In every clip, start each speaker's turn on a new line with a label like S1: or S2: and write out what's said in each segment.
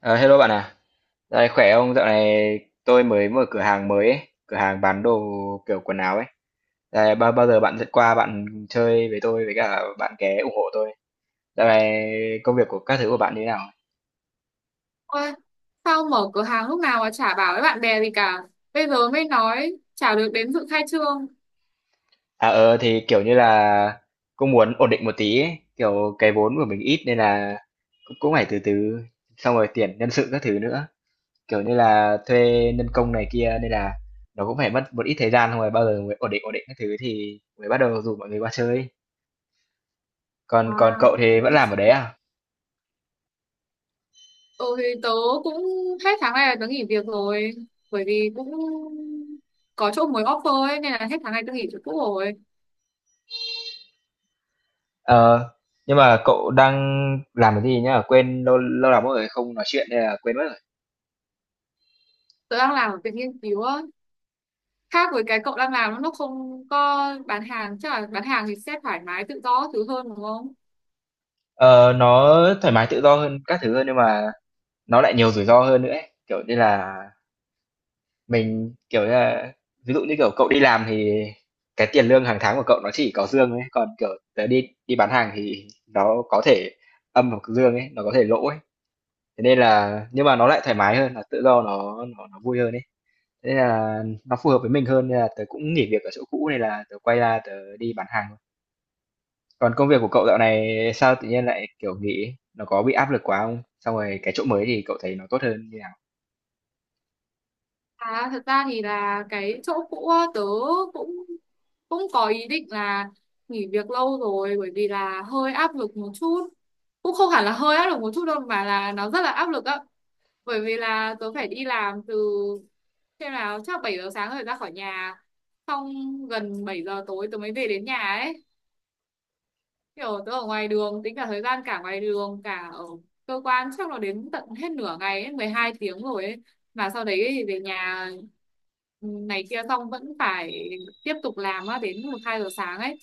S1: Ờ, hello bạn à, dạo này khỏe không? Dạo này tôi mới mở cửa hàng mới ấy, cửa hàng bán đồ kiểu quần áo ấy. Dạo này bao bao giờ bạn sẽ qua bạn chơi với tôi với cả bạn ké ủng hộ tôi. Dạo này công việc của các thứ của bạn như thế nào?
S2: Ôi, sao mở cửa hàng lúc nào mà chả bảo với bạn bè gì cả. Bây giờ mới nói chả được đến dự khai trương.
S1: Thì kiểu như là cũng muốn ổn định một tí ấy, kiểu cái vốn của mình ít nên là cũng cũng phải từ từ xong rồi tuyển nhân sự các thứ nữa. Kiểu như là thuê nhân công này kia nên là nó cũng phải mất một ít thời gian xong rồi bao giờ mới ổn định các thứ thì mới bắt đầu rủ mọi người qua chơi. Còn
S2: À,
S1: còn cậu thì vẫn
S2: thì,
S1: làm ở đấy à?
S2: ừ, thì tớ cũng hết tháng này là tớ nghỉ việc rồi. Bởi vì cũng có chỗ mới offer ấy, nên là hết tháng này tớ nghỉ chỗ cũ rồi.
S1: Ờ, nhưng mà cậu đang làm cái gì nhá? Quên lâu lâu lắm rồi không nói chuyện nên là quên mất rồi.
S2: Tớ đang làm ở viện nghiên cứu á. Khác với cái cậu đang làm, nó không có bán hàng. Chắc là bán hàng thì sẽ thoải mái tự do các thứ hơn đúng không?
S1: Ờ, nó thoải mái tự do hơn các thứ hơn nhưng mà nó lại nhiều rủi ro hơn nữa ấy. Kiểu như là mình kiểu như là ví dụ như kiểu cậu đi làm thì cái tiền lương hàng tháng của cậu nó chỉ có dương ấy, còn kiểu tớ đi đi bán hàng thì nó có thể âm hoặc dương ấy, nó có thể lỗ ấy. Thế nên là nhưng mà nó lại thoải mái hơn, là tự do nó vui hơn ấy. Thế là nó phù hợp với mình hơn nên là tớ cũng nghỉ việc ở chỗ cũ này là tớ quay ra tớ đi bán hàng thôi. Còn công việc của cậu dạo này sao tự nhiên lại kiểu nghỉ? Nó có bị áp lực quá không? Xong rồi cái chỗ mới thì cậu thấy nó tốt hơn như nào?
S2: À, thật ra thì là cái chỗ cũ á, tớ cũng cũng có ý định là nghỉ việc lâu rồi, bởi vì là hơi áp lực một chút. Cũng không hẳn là hơi áp lực một chút đâu mà là nó rất là áp lực á, bởi vì là tớ phải đi làm từ, xem nào, chắc 7 giờ sáng rồi ra khỏi nhà, xong gần 7 giờ tối tớ mới về đến nhà ấy. Kiểu tớ ở ngoài đường, tính cả thời gian cả ngoài đường cả ở cơ quan, chắc là đến tận hết nửa ngày ấy, 12 tiếng rồi ấy. Mà sau đấy thì về nhà, ừ, này kia xong vẫn phải tiếp tục làm á đến 1 2 giờ sáng ấy.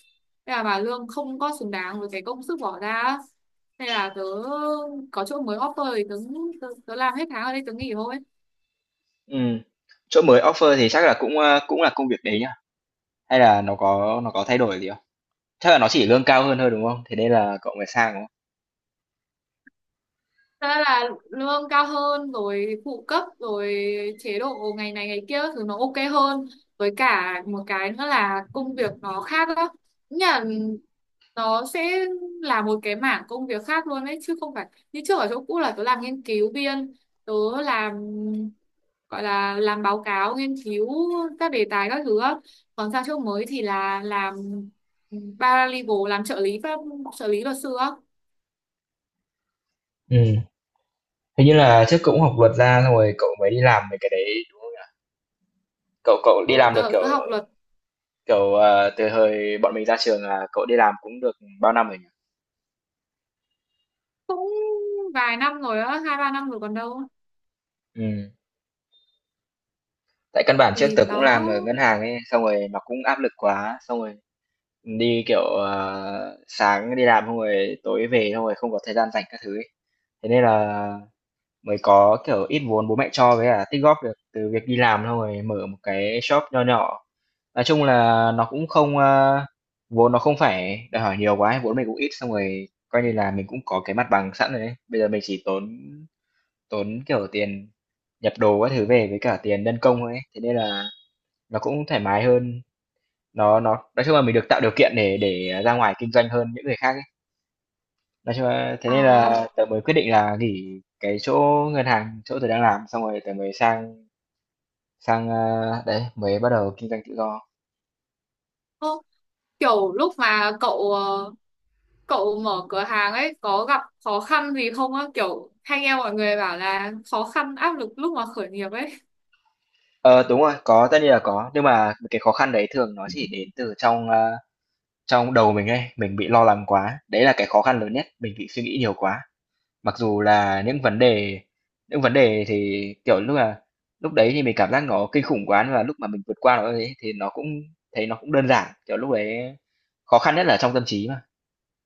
S2: Thế là bà lương không có xứng đáng với cái công sức bỏ ra á. Thế là tớ có chỗ mới offer thì tớ làm hết tháng ở đây tớ nghỉ thôi.
S1: Ừ. Chỗ mới offer thì chắc là cũng cũng là công việc đấy nhá. Hay là nó có thay đổi gì không? Chắc là nó chỉ lương cao hơn thôi đúng không? Thế nên là cậu mới sang đúng không?
S2: Thật là lương cao hơn rồi phụ cấp rồi chế độ ngày này ngày kia các thứ nó ok hơn, với cả một cái nữa là công việc nó khác đó. Nghĩa là nó sẽ là một cái mảng công việc khác luôn đấy, chứ không phải như trước ở chỗ cũ là tớ làm nghiên cứu viên, tớ làm, gọi là làm báo cáo nghiên cứu các đề tài các thứ á. Còn sang chỗ mới thì là làm paralegal, làm trợ lý pháp, trợ lý luật sư á.
S1: Ừ. Hình như là trước cậu cũng học luật ra xong rồi cậu mới đi làm về cái đấy đúng không nhỉ? Cậu cậu đi
S2: Ừ,
S1: làm được
S2: tớ,
S1: kiểu
S2: tớ học luật
S1: kiểu ờ, từ hồi bọn mình ra trường là cậu đi làm cũng được bao năm rồi nhỉ?
S2: cũng vài năm rồi á, 2 3 năm rồi còn đâu.
S1: Ừm, tại căn bản trước
S2: Thì
S1: tớ cũng làm
S2: đó.
S1: ở ngân hàng ấy, xong rồi nó cũng áp lực quá, xong rồi đi, kiểu, sáng đi làm xong rồi tối về xong rồi không có thời gian rảnh các thứ ấy. Thế nên là mới có, kiểu, ít vốn bố mẹ cho với cả tích góp được từ việc đi làm xong rồi mở một cái shop nho nhỏ. Nói chung là nó cũng không, vốn nó không phải đòi hỏi nhiều quá ấy, vốn mình cũng ít xong rồi coi như là mình cũng có cái mặt bằng sẵn rồi ấy. Bây giờ mình chỉ tốn tốn, kiểu, tiền nhập đồ các thứ về với cả tiền nhân công thôi ấy, thế nên là nó cũng thoải mái hơn. Nó nói chung là mình được tạo điều kiện để ra ngoài kinh doanh hơn những người khác ấy. Nói chung là thế nên
S2: À,
S1: là tớ mới quyết định là nghỉ cái chỗ ngân hàng, chỗ tớ đang làm, xong rồi tớ mới sang sang, đấy, mới bắt đầu kinh doanh tự do.
S2: ô, kiểu lúc mà cậu mở cửa hàng ấy có gặp khó khăn gì không á, kiểu hay nghe mọi người bảo là khó khăn áp lực lúc mà khởi nghiệp ấy.
S1: Ờ, đúng rồi, có, tất nhiên là có, nhưng mà cái khó khăn đấy thường nó chỉ đến từ trong đầu mình ấy, mình bị lo lắng quá, đấy là cái khó khăn lớn nhất, mình bị suy nghĩ nhiều quá. Mặc dù là những vấn đề thì, kiểu, lúc đấy thì mình cảm giác nó kinh khủng quá, nhưng mà lúc mà mình vượt qua nó ấy thì nó cũng thấy nó cũng đơn giản, kiểu, lúc đấy khó khăn nhất là trong tâm trí mà.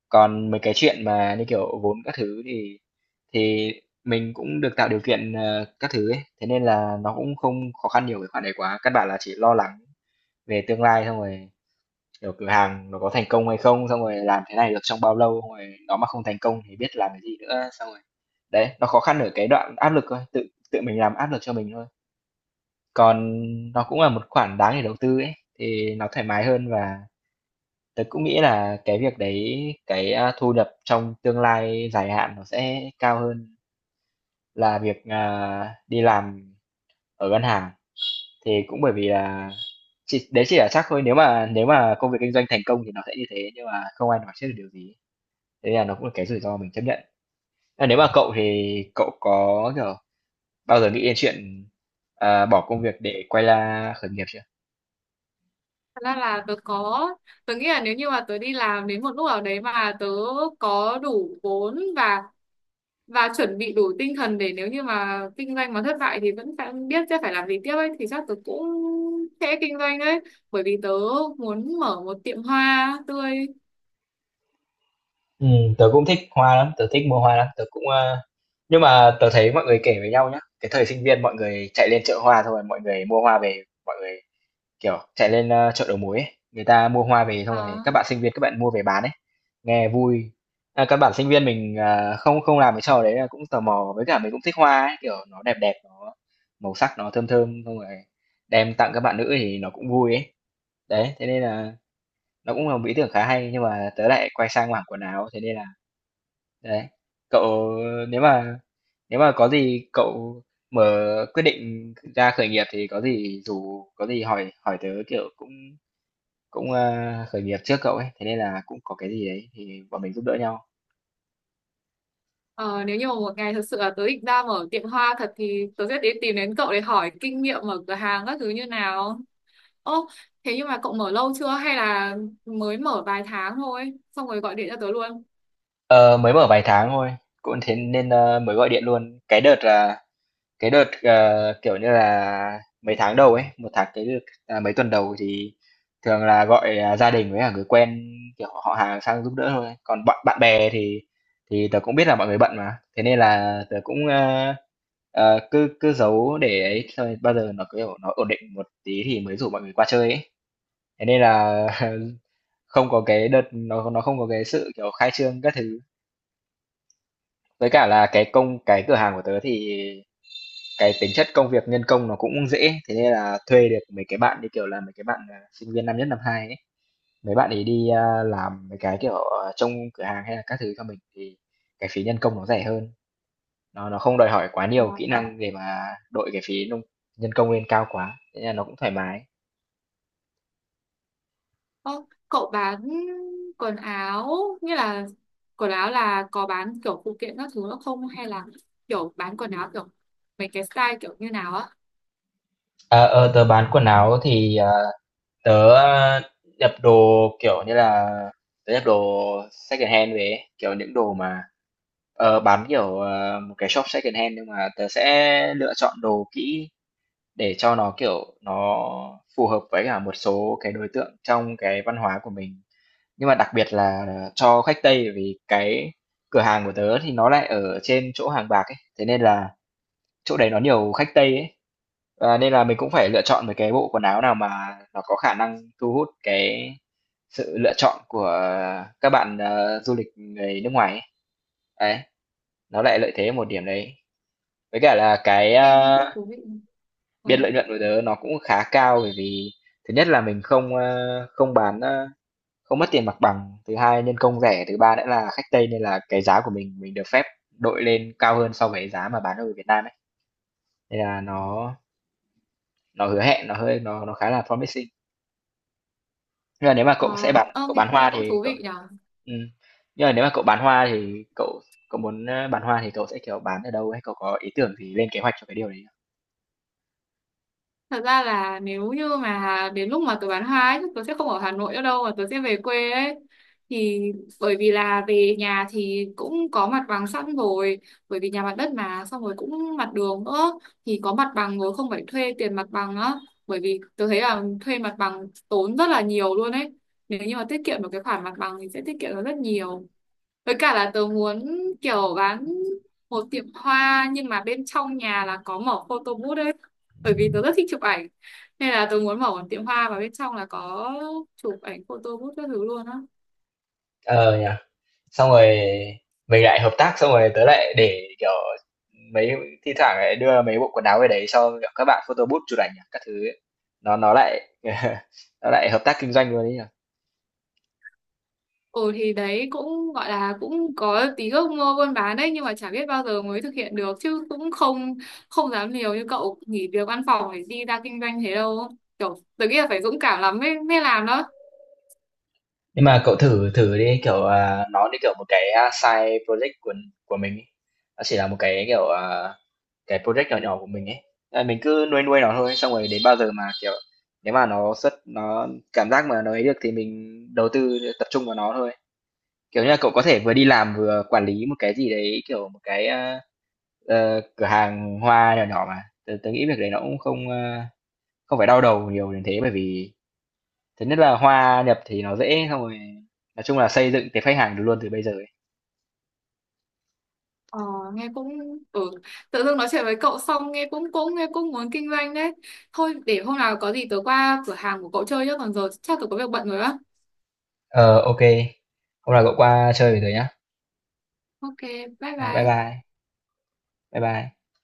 S1: Còn mấy cái chuyện mà như kiểu vốn các thứ thì thì mình cũng được tạo điều kiện, các thứ ấy, thế nên là nó cũng không khó khăn nhiều về khoản đấy quá, căn bản là chỉ lo lắng về tương lai xong rồi. Kiểu cửa hàng nó có thành công hay không, xong rồi làm thế này được trong bao lâu, xong rồi nó mà không thành công thì biết làm cái gì nữa, xong rồi đấy, nó khó khăn ở cái đoạn áp lực thôi, tự tự mình làm áp lực cho mình thôi. Còn nó cũng là một khoản đáng để đầu tư ấy, thì nó thoải mái hơn và tớ cũng nghĩ là cái việc đấy, cái thu nhập trong tương lai dài hạn nó sẽ cao hơn là việc đi làm ở ngân hàng. Thì cũng bởi vì là đấy chỉ là chắc thôi nếu mà công việc kinh doanh thành công thì nó sẽ như thế nhưng mà không ai nói trước được điều gì. Thế là nó cũng là cái rủi ro mình chấp nhận. Thế nếu mà cậu thì cậu có, kiểu, bao giờ nghĩ đến chuyện, bỏ công việc để quay ra khởi nghiệp chưa?
S2: Thật ra là tớ có, tớ nghĩ là nếu như mà tớ đi làm đến một lúc nào đấy mà tớ có đủ vốn và chuẩn bị đủ tinh thần để nếu như mà kinh doanh mà thất bại thì vẫn phải biết sẽ phải làm gì tiếp ấy, thì chắc tớ cũng sẽ kinh doanh đấy. Bởi vì tớ muốn mở một tiệm hoa tươi.
S1: Tớ cũng thích hoa lắm, tớ thích mua hoa lắm, tớ cũng, a nhưng mà tớ thấy mọi người kể với nhau nhá, cái thời sinh viên mọi người chạy lên chợ hoa thôi mọi người mua hoa về, mọi người, kiểu, chạy lên, chợ đầu mối ấy, người ta mua hoa về xong rồi
S2: À,
S1: các bạn sinh viên các bạn mua về bán ấy, nghe vui. Các bạn sinh viên mình, không không làm cái trò đấy là cũng tò mò, với cả mình cũng thích hoa ấy, kiểu, nó đẹp đẹp, nó màu sắc nó thơm thơm, xong rồi đem tặng các bạn nữ thì nó cũng vui ấy. Đấy, thế nên là nó cũng là một ý tưởng khá hay, nhưng mà tớ lại quay sang mảng quần áo, thế nên là đấy. Cậu nếu mà có gì cậu mở quyết định ra khởi nghiệp thì có gì dù có gì hỏi hỏi tớ, kiểu, cũng cũng, a, khởi nghiệp trước cậu ấy, thế nên là cũng có cái gì đấy thì bọn mình giúp đỡ nhau.
S2: ờ, nếu như mà một ngày thật sự là tớ định ra mở tiệm hoa thật thì tớ sẽ đến, tìm đến cậu để hỏi kinh nghiệm mở cửa hàng các thứ như nào. Ô, thế nhưng mà cậu mở lâu chưa hay là mới mở vài tháng thôi xong rồi gọi điện cho tớ luôn?
S1: Ờ, mới mở vài tháng thôi, cũng thế nên, mới gọi điện luôn. Cái đợt, kiểu như là, mấy tháng đầu ấy, một tháng cái đợt à, mấy tuần đầu thì thường là gọi, gia đình với cả người quen, kiểu, họ hàng sang giúp đỡ thôi. Còn bạn bạn bè thì tớ cũng biết là mọi người bận mà, thế nên là tớ cũng, cứ cứ giấu để ấy, thôi. Bao giờ nó, kiểu, nó ổn định một tí thì mới rủ mọi người qua chơi ấy. Thế nên là không có cái đợt nó không có cái sự, kiểu, khai trương các thứ. Với cả là cái cửa hàng của tớ thì cái tính chất công việc nhân công nó cũng dễ, thế nên là thuê được mấy cái bạn, như kiểu là, mấy cái bạn, sinh viên năm nhất, năm hai ấy, mấy bạn ấy đi, làm mấy cái, kiểu, trông cửa hàng hay là các thứ cho mình thì cái phí nhân công nó rẻ hơn, nó không đòi hỏi quá nhiều kỹ năng để mà đội cái phí nhân công lên cao quá, thế nên là nó cũng thoải mái.
S2: Ơ, cậu bán quần áo, như là quần áo là có bán kiểu phụ kiện các thứ nữa không hay là kiểu bán quần áo kiểu mấy cái style kiểu như nào á?
S1: Ờ, ờ, tớ bán quần áo thì, tớ nhập đồ kiểu như là tớ nhập đồ second hand về ấy, kiểu những đồ mà bán kiểu một cái shop second hand nhưng mà tớ sẽ lựa chọn đồ kỹ để cho nó kiểu nó phù hợp với cả một số cái đối tượng trong cái văn hóa của mình nhưng mà đặc biệt là cho khách Tây vì cái cửa hàng của tớ thì nó lại ở trên chỗ Hàng Bạc ấy, thế nên là chỗ đấy nó nhiều khách Tây ấy, nên là mình cũng phải lựa chọn một cái bộ quần áo nào mà nó có khả năng thu hút cái sự lựa chọn của các bạn, du lịch người nước ngoài ấy. Đấy, nó lại lợi thế ở một điểm đấy. Với cả là cái,
S2: Nghe nghe cũng thú vị. ờ
S1: biên lợi nhuận của tớ nó cũng khá cao bởi vì thứ nhất là mình không, không bán, không mất tiền mặt bằng, thứ hai nhân công rẻ, thứ ba nữa là khách Tây nên là cái giá của mình được phép đội lên cao hơn so với giá mà bán ở Việt Nam ấy, nên là nó hứa hẹn, nó hơi nó khá là promising. Nhưng mà nếu mà
S2: ờ
S1: cậu
S2: nghe
S1: bán
S2: nghe
S1: hoa
S2: cũng
S1: thì
S2: thú
S1: cậu
S2: vị nhỉ.
S1: ừm, nhưng mà nếu mà cậu bán hoa thì cậu cậu muốn, bán hoa thì cậu sẽ, kiểu, bán ở đâu ấy? Cậu có ý tưởng gì lên kế hoạch cho cái điều đấy không?
S2: Thật ra là nếu như mà đến lúc mà tớ bán hoa ấy, chắc tớ sẽ không ở Hà Nội nữa đâu mà tớ sẽ về quê ấy. Thì bởi vì là về nhà thì cũng có mặt bằng sẵn rồi, bởi vì nhà mặt đất mà, xong rồi cũng mặt đường nữa, thì có mặt bằng rồi, không phải thuê tiền mặt bằng á. Bởi vì tớ thấy là thuê mặt bằng tốn rất là nhiều luôn ấy. Nếu như mà tiết kiệm được cái khoản mặt bằng thì sẽ tiết kiệm được rất nhiều. Với cả là tớ muốn kiểu bán một tiệm hoa nhưng mà bên trong nhà là có mở photo booth ấy. Bởi vì tớ rất thích chụp ảnh. Nên là tớ muốn mở một tiệm hoa và bên trong là có chụp ảnh photo booth các thứ luôn á.
S1: Ờ nhỉ. Xong rồi mình lại hợp tác xong rồi tớ lại để, kiểu, mấy thi thoảng lại đưa mấy bộ quần áo về đấy cho, kiểu, các bạn photo booth chụp ảnh các thứ ấy. Nó lại nó lại hợp tác kinh doanh luôn đấy nhỉ?
S2: Ồ thì đấy cũng gọi là cũng có tí ước mơ buôn bán đấy, nhưng mà chả biết bao giờ mới thực hiện được, chứ cũng không không dám liều như cậu nghỉ việc văn phòng để đi ra kinh doanh thế đâu. Kiểu tớ nghĩ là phải dũng cảm lắm mới mới làm đó.
S1: Nhưng mà cậu thử thử đi kiểu nó như kiểu một cái side project của mình ý. Nó chỉ là một cái kiểu cái project nhỏ nhỏ của mình ấy. Mình cứ nuôi nuôi nó thôi xong rồi đến bao giờ mà kiểu nếu mà nó cảm giác mà nó ấy được thì mình đầu tư tập trung vào nó thôi. Kiểu như là cậu có thể vừa đi làm vừa quản lý một cái gì đấy kiểu một cái cửa hàng hoa nhỏ nhỏ mà. Tớ nghĩ việc đấy nó cũng không không phải đau đầu nhiều đến thế bởi vì thứ nhất là hòa nhập thì nó dễ xong rồi nói chung là xây dựng cái khách hàng được luôn từ bây giờ ấy.
S2: Ờ, nghe cũng ừ. Tự dưng nói chuyện với cậu xong nghe cũng cũng nghe cũng muốn kinh doanh đấy. Thôi để hôm nào có gì tớ qua cửa hàng của cậu chơi nhá, còn giờ chắc tớ có việc bận rồi á.
S1: Ờ, ok. Hôm nào cậu qua chơi với tớ nhá.
S2: Ok, bye
S1: Bye
S2: bye.
S1: bye. Bye bye.